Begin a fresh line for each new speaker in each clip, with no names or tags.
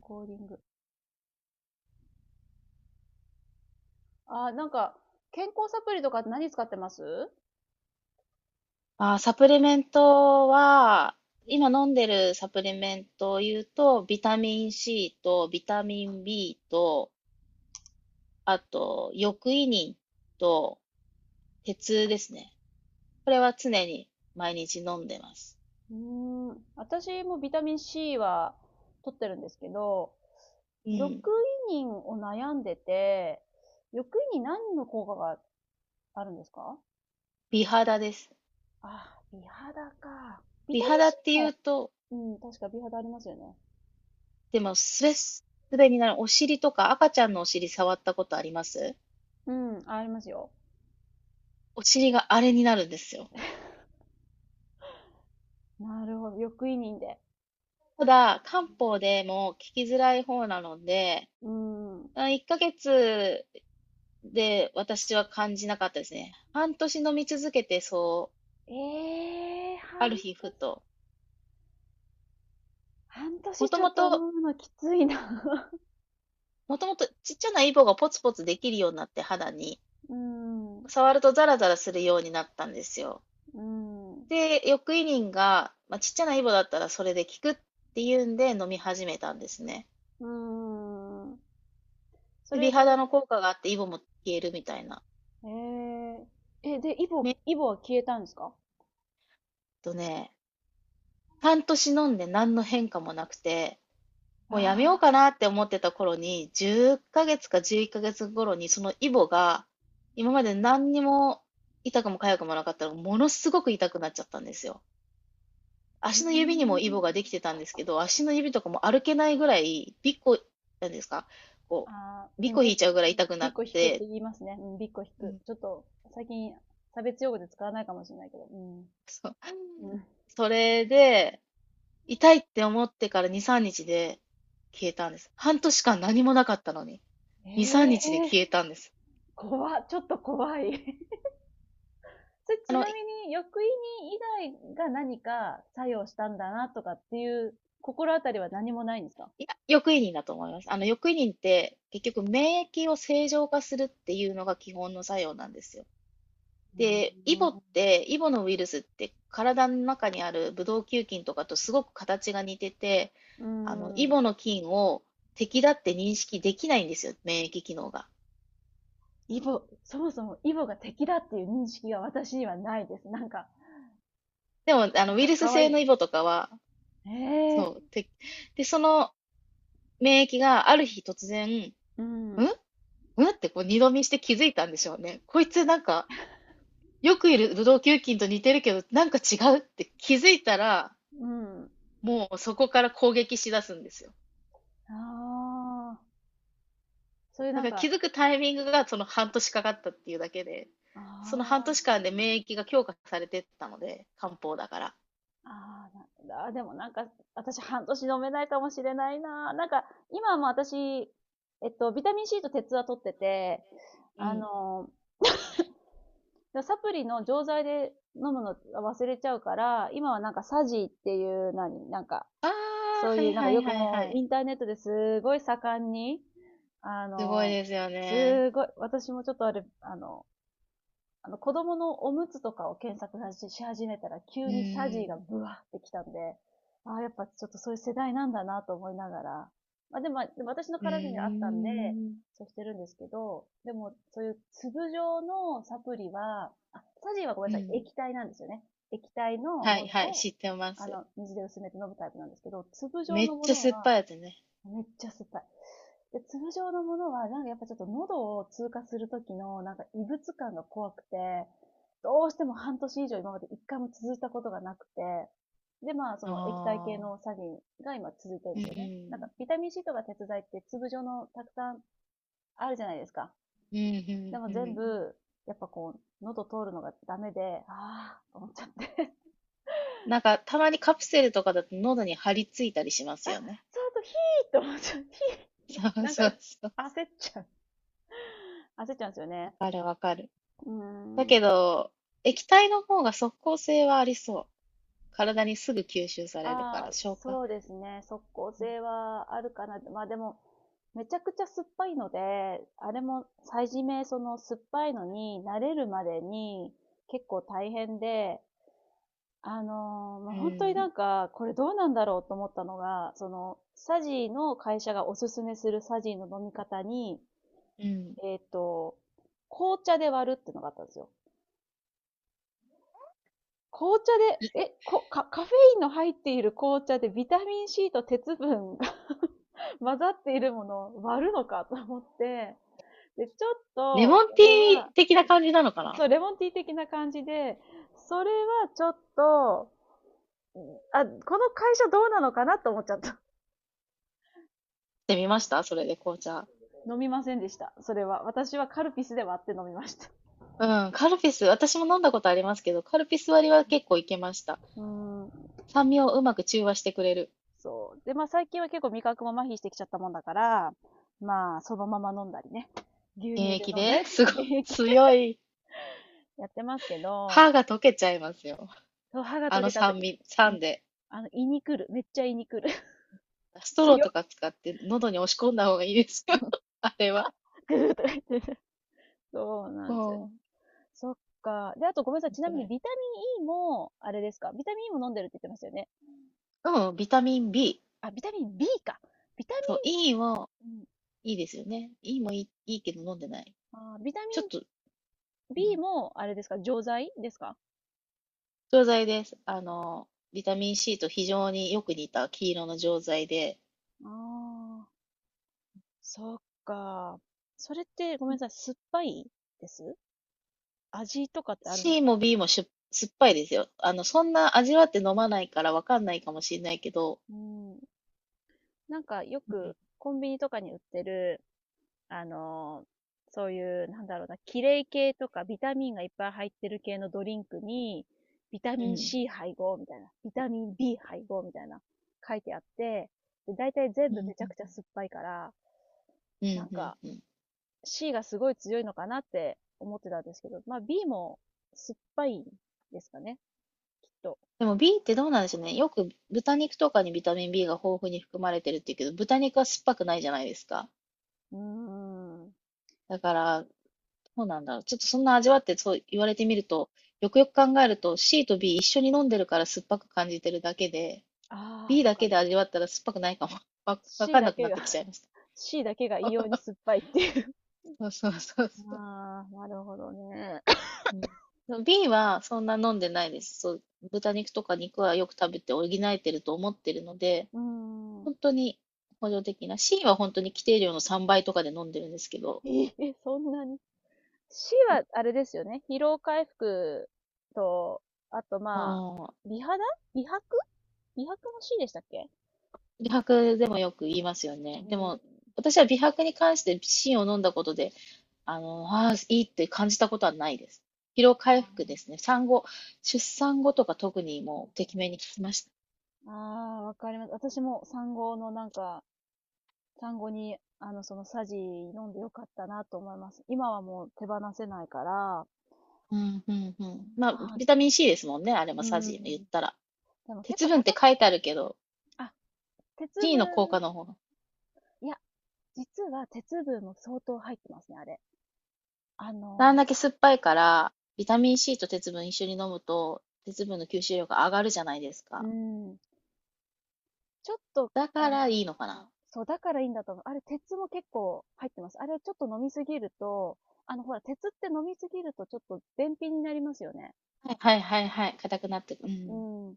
コーディング。なんか、健康サプリとか何使ってます？
あ、サプリメントは、今飲んでるサプリメントを言うと、ビタミン C とビタミン B と、あと、抑胃ニンと鉄ですね。これは常に毎日飲んでます。
私もビタミン C は取ってるんですけど、
う
緑
ん。
胃妊を悩んでて、緑胃に何の効果があるんですか？
美肌です。
あ、美肌か。ビ
美
タ
肌
ミン
っ
C
て言
も、
うと、
うん、確か美肌ありますよね。
でも、すべすべになる。お尻とか赤ちゃんのお尻触ったことあります？
うん、ありますよ。
お尻があれになるんですよ。
なるほど、緑胃妊で。
ただ、漢方でも効きづらい方なので、
うん。うん。
あ、1ヶ月で私は感じなかったですね。半年飲み続けて、そう、
ええー、
あ
半
る
年、
日ふと、
半
も
年
と
ちょ
も
っと飲
と、
むのきついな。
もともとちっちゃなイボがポツポツできるようになって肌に、
うん、う
触るとザラザラするようになったんですよ。
ん、う
で、翌イニンが、まあ、ちっちゃなイボだったらそれで効くっていうんで飲み始めたんですね。
ん。そ
で、美
れ
肌
で、
の効果があってイボも消えるみたいな。
えー、で、イ
め
ボ、
えっ
イボは消えたんですか？
とね、半年飲んで何の変化もなくて、もうやめよう
ああ
かなって思ってた頃に、10ヶ月か11ヶ月頃に、そのイボが、今まで何にも痛くも痒くもなかったのが、ものすごく痛くなっちゃったんですよ。
ー、う
足の指に
ー
も
ん。
イボができてたんですけど、足の指とかも歩けないぐらい、びっこ、なんですか、こ
ああ、
う、
う
びっ
ん、
こ
う
引
ん。
いちゃうぐらい痛く
び
な
っ
っ
こ引くって
て、
言いますね。うん、びっこ引
う
く。
ん、
ちょっと、最近、差別用語で使わないかもしれないけど。うん。
そう。
うん、
それで、痛いって思ってから2、3日で消えたんです。半年間何もなかったのに、
え
2、3
え
日で
ー、
消えたんです。
怖っ、ちょっと怖い。それ
あ
ち
の、
なみに、欲意に以外が何か作用したんだなとかっていう心当たりは何もないんですか？
いや、欲移人だと思います。欲移人って結局免疫を正常化するっていうのが基本の作用なんですよ。
うー
で、イボっ
ん、
て、イボのウイルスって体の中にあるブドウ球菌とかとすごく形が似てて、
う
イ
ん。
ボの菌を敵だって認識できないんですよ、免疫機能が。
イボ、そもそもイボが敵だっていう認識が私にはないです。なんか、
でも、
なん
ウイ
か
ルス
可
性の
愛い。
イボとかは、
ええ、
そう、で、その免疫がある日突然、
うん、
んんってこう二度見して気づいたんでしょうね。こいつなんか、よくいるブドウ球菌と似てるけど、なんか違うって気づいたら、
うん。
もうそこから攻撃しだすんですよ。
ああ、そういう
だ
なん
から気
か、
づくタイミングがその半年かかったっていうだけで、その半
あ
年間で免疫が強化されてったので、漢方だから。
あ、ああ、なんだ、でもなんか、私半年飲めないかもしれないな。なんか、今も私、ビタミン C と鉄は取ってて、
う
あ
ん。
の、サプリの錠剤で飲むの忘れちゃうから、今はなんかサジーっていう、何、なんか、
ああ、
そう
は
い
い
う、なんか
は
よ
い
く
はい
も
は
うイ
い。
ンターネットですごい盛んに、あ
すごい
の、
ですよね。
すごい、私もちょっとあれ、子供のおむつとかを検索し始めたら、急
う
にサジーが
ん。
ブワーってきたんで、ああ、やっぱちょっとそういう世代なんだなと思いながら。まあ、でも私の
う
体にはあったんで、
ーん。
そうしてるんですけど、でも、そういう粒状のサプリは、あ、サジーはごめ
う
んなさい、
ん。
液体なんですよね。液体の
は
も
い
の
はい、
を、
知ってます。
水で薄めて飲むタイプなんですけど、粒状
めっ
のも
ちゃ
の
酸っ
は、
ぱいやつね。
めっちゃ酸っぱい。で、通常のものは、なんかやっぱちょっと喉を通過するときの、なんか異物感が怖くて、どうしても半年以上今まで一回も続いたことがなくて、で、まあ、そ
あ
の液体系のサ
あ。
リンが今続いてるん
う
ですよね。なんか、
ん。
ビタミン C とか鉄剤って粒状のたくさんあるじゃないですか。
うん、
で
う
も
んう
全
ん。
部、やっぱこう、喉通るのがダメで、あーと思っちゃって。
なんか、たまにカプセルとかだと喉に張り付いたりしま す
あ、
よね。
そうと、ヒーと思っちゃう。ヒー、
そう
なんか、焦
そうそう。
っちゃう。焦っちゃうんですよ
わ
ね。
かるわかる。
うー
だけ
ん。
ど、液体の方が即効性はありそう。体にすぐ吸収されるから、
ああ、
消化。
そうですね。速攻性はあるかな。まあでも、めちゃくちゃ酸っぱいので、あれも最初め、その酸っぱいのに慣れるまでに結構大変で、まあ
う
本当にな
ん、
んか、これどうなんだろうと思ったのが、その、サジの会社がおすすめするサジの飲み方に、
うん。
えっと、紅茶で割るっていうのがあったんですよ。紅茶で、カカフェインの入っている紅茶でビタミン C と鉄分が 混ざっているものを割るのかと思って、で、ちょっ
レモ
と、
ン
そ
ティ
れ
ー
は、
的な感じなのかなっ
そう、レモンティー的な感じで、それはちょっと、あ、この会社どうなのかなと思っちゃった。
て、みました、それで紅茶。
飲みませんでした。それは。私はカルピスで割って飲みました。
うん、カルピス、私も飲んだことありますけど、カルピス割りは結構いけました。
うーん。
酸味をうまく中和してくれる。
そう。で、まあ最近は結構味覚も麻痺してきちゃったもんだから、まあそのまま飲んだりね。牛
原
乳で
液
飲んだり、
ですごい
原液
強い。
やってますけど、
歯が溶けちゃいますよ。
そう歯が
あ
溶
の
けた後、
酸味、
いん
酸で。
あの、胃に来る。めっちゃ胃に来る。
ストロー
強っ。
とか使って喉に押し込んだ方がいいですよ。あれは。
ぐーとか言ってる。そうなんですよ。
こうん。
そっか。で、あとごめんなさい。ちな
く
み
ら
に
い。
ビタミン E も、あれですか。ビタミン E も飲んでるって言ってましたよね。
うん、ビタミン B。
あ、ビタミン B か。ビタミ
そう、E
ン、
も
うん
いいですよね。E もいいけど飲んでない。
ビタ
ち
ミ
ょっ
ン
と、う
B
ん、
も、あれですか。錠剤ですか？
錠剤です。ビタミン C と非常によく似た黄色の錠剤で、
ああ、そっか。それってごめんなさい。酸っぱいです味とかってあるんです
C
か？
も B も酸っぱいですよ。そんな味わって飲まないからわかんないかもしれないけど、
うん。なんかよくコンビニとかに売ってる、あの、そういう、なんだろうな、キレイ系とかビタミンがいっぱい入ってる系のドリンクに、ビタ
う
ミン
ん、
C 配合みたいな、ビタミン B 配合みたいな、書いてあって、だいたい全
う
部
ん、
めちゃくちゃ酸っぱいから、
う
なん
ん、うん、うん。
か
うん。
C がすごい強いのかなって思ってたんですけど、まあ B も酸っぱいんですかね、きっと。
でも B ってどうなんでしょうね。よく豚肉とかにビタミン B が豊富に含まれてるって言うけど、豚肉は酸っぱくないじゃないですか。
うーん。
だから、どうなんだろう。ちょっとそんな味わってそう言われてみると、よくよく考えると C と B 一緒に飲んでるから酸っぱく感じてるだけで、
ああ、
B
そっ
だけ
か。
で味わったら酸っぱくないかも。わ
C
かんな
だ
くな
け
っ
が
てきちゃい まし
C だけが異
た。
様に酸 っぱいっていう。
そうそうそうそう。
ああ、なるほどね。
うん、でも B はそんな飲んでないです。そう、豚肉とか肉はよく食べて補えてると思ってるので、
うーん。
本当に補助的な、C は本当に規定量の3倍とかで飲んでるんですけど、
ええ、そんなに。C はあれですよね。疲労回復と、あと
ま
まあ、
あ、
美肌、美白、美白も C でしたっけ？
美白でもよく言いますよね。
う
で
ん。
も、私は美白に関して C を飲んだことで、ああ、いいって感じたことはないです。疲労回復ですね。産後、出産後とか特にもう、てきめんに効きました。
わかります。私も産後のなんか、産後に、そのサジ飲んでよかったなと思います。今はもう手放せないから、
うん、うんうん。まあ、
まあ、
ビタミン C ですもんね、あれ
う
も
ー
サジじ言っ
ん。
たら。
でも結
鉄
構
分っ
高
て
く、
書いてあるけど、
あ、鉄
C の効
分、
果の方が
いや、実は鉄分も相当入ってますね、あれ。あ
あん
の
だけ酸っぱいから、ビタミン C と鉄分一緒に飲むと、鉄分の吸収量が上がるじゃないです
う
か。
ーん。ちょっと、
だか
あの、
らいいのかな。
そう、だからいいんだと思う。あれ、鉄も結構入ってます。あれ、ちょっと飲みすぎると、ほら、鉄って飲みすぎるとちょっと便秘になりますよね。
はいはいはいはい。硬くなってく。う
う
ん。
ん。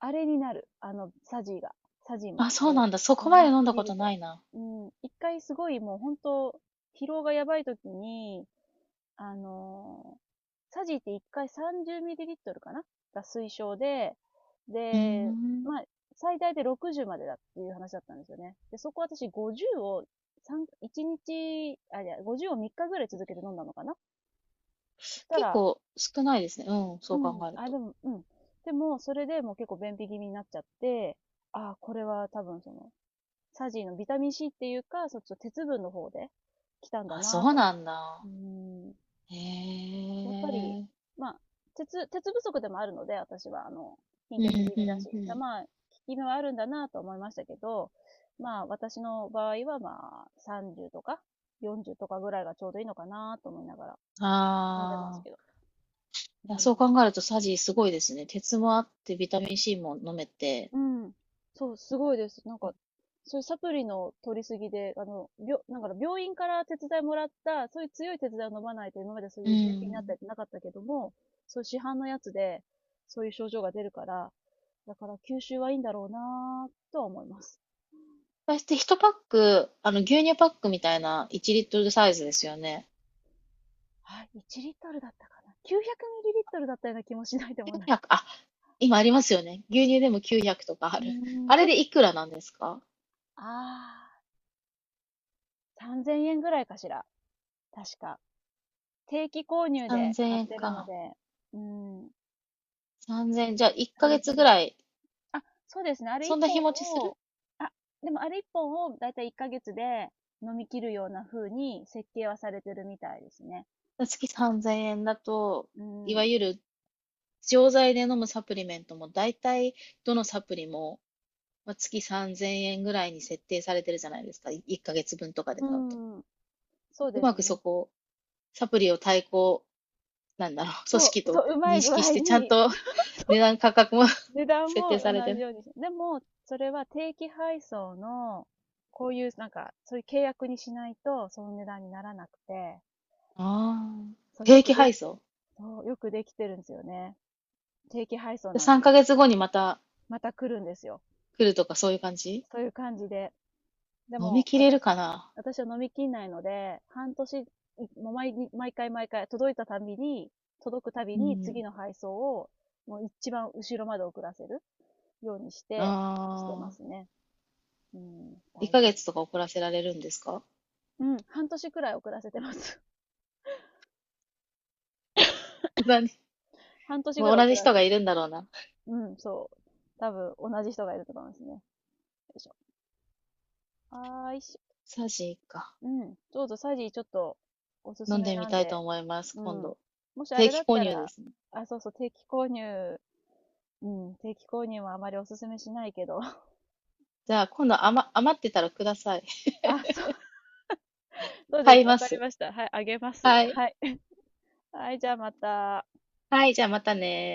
あれになる。サジーが。サジーも、
あ、
あ
そう
れ
な
を。
んだ。そこ
飲
まで
み
飲ん
す
だ
ぎ
こ
る
とな
と。
いな。
うん。一回すごいもう本当、疲労がやばい時に、あのサジって1回3 0トルかなが推奨で、
うー
で、
ん。
まあ、最大で60までだっていう話だったんですよね。で、そこ私50を三1日、あ、いや、50を3日ぐらい続けて飲んだのかな。そした
結
ら、
構少ないですね。うん、そ
う
う考
ん、
える
あ、
と。
でも、うん。でも、それでもう結構便秘気味になっちゃって、あ、これは多分その、サジのビタミン C っていうか、そっちの鉄分の方で来たんだ
あ、そ
なぁ
う
と。
なん
う
だ。
ん。
へ
やっぱり、
え。
まあ、鉄不足でもあるので、私は、貧血
う
気味だ
ん
し。
うん。
まあ、効き目はあるんだなと思いましたけど、まあ、私の場合は、まあ、30とか、40とかぐらいがちょうどいいのかなと思いながら飲んでます
あ
けど。
あ。い
う
や、そう
ん。
考えるとサジすごいですね。鉄もあってビタミン C も飲めて。
うん。そう、すごいです。なんか、そういうサプリの取りすぎで、なんか病院から手伝いもらった、そういう強い手伝いを飲まないと今までそう
う
いう便秘になった
ん。
りってなかったけども、そういう市販のやつで、そういう症状が出るから、だから吸収はいいんだろうなぁとは思います。
そして1パック、牛乳パックみたいな1リットルサイズですよね。
はい、1リットルだったかな。900ml だったような気もしないでも
9
ない。
0、あ、今ありますよね。牛乳でも900とかあ
う
る。
ーん、
あ
ちょ
れ
っ
でいくらなんですか？
ああー、3000円ぐらいかしら。確か。定期購入で
3000
買っ
円
てるので、
か。
うん、
3 0、じゃあ1ヶ
3000
月ぐ
円。
らい、
あ、そうですね。あれ
そ
一
んな
本
日持ちする？
を、あ、でもあれ一本をだいたい1ヶ月で飲み切るような風に設計はされてるみたいですね。
月3000円だと、
う
いわ
ん。
ゆる錠剤で飲むサプリメントも大体どのサプリも、まあ、月3000円ぐらいに設定されてるじゃないですか。1ヶ月分とかで
う
買うと。
ん。そう
う
で
ま
す
くそ
ね。
こ、サプリを対抗なんだろう、組
そ
織
う、そ
と
う、うまい
認
具
識し
合
て、ちゃん
に、
と
そう。
値段価格も
値 段
設定
も
さ
同
れて
じ
る。
ようにしでも、それは定期配送の、こういう、なんか、そういう契約にしないと、その値段にならなくて、
あ
そ
あ。
う、よ
定
く
期
で
配
きて、
送？
そう、よくできてるんですよね。定期配送なんで
3
す。
ヶ月後にまた
また来るんですよ。
来るとかそういう感じ？
そういう感じで。で
飲み
も、
切れる
私、
かな？
私は飲みきんないので、半年、もう毎日、毎回毎回、届いたたびに、届くたび
う
に
ん。
次の配送を、もう一番後ろまで遅らせるようにし
あ
て、ます
あ。
ね。うん、
1
大
ヶ月とか遅らせられるんですか？
変。うん、半年くらい遅らせてます。
何？
半年く
もう
らい
同
遅
じ
ら
人
せ
がい
て。
るんだろうな。
うん、そう。多分、同じ人がいると思いますね。よいしょ。あーいしょ。
サーシン一家。
うん。どうぞ、サジーちょっと、おすす
飲ん
め
でみ
なん
たいと
で。
思います、
う
今
ん。
度。
もしあ
定
れだ
期
っ
購
た
入で
ら、
すね。
あ、そうそう、定期購入、うん、定期購入はあまりお勧めしないけど。
じゃあ、今度余ってたらください。
あ、そう、そうで
買い
す。わ
ま
かり
す。
ました。はい、あげます。
はい。
はい。はい、じゃあまた。
はい、じゃあまたね。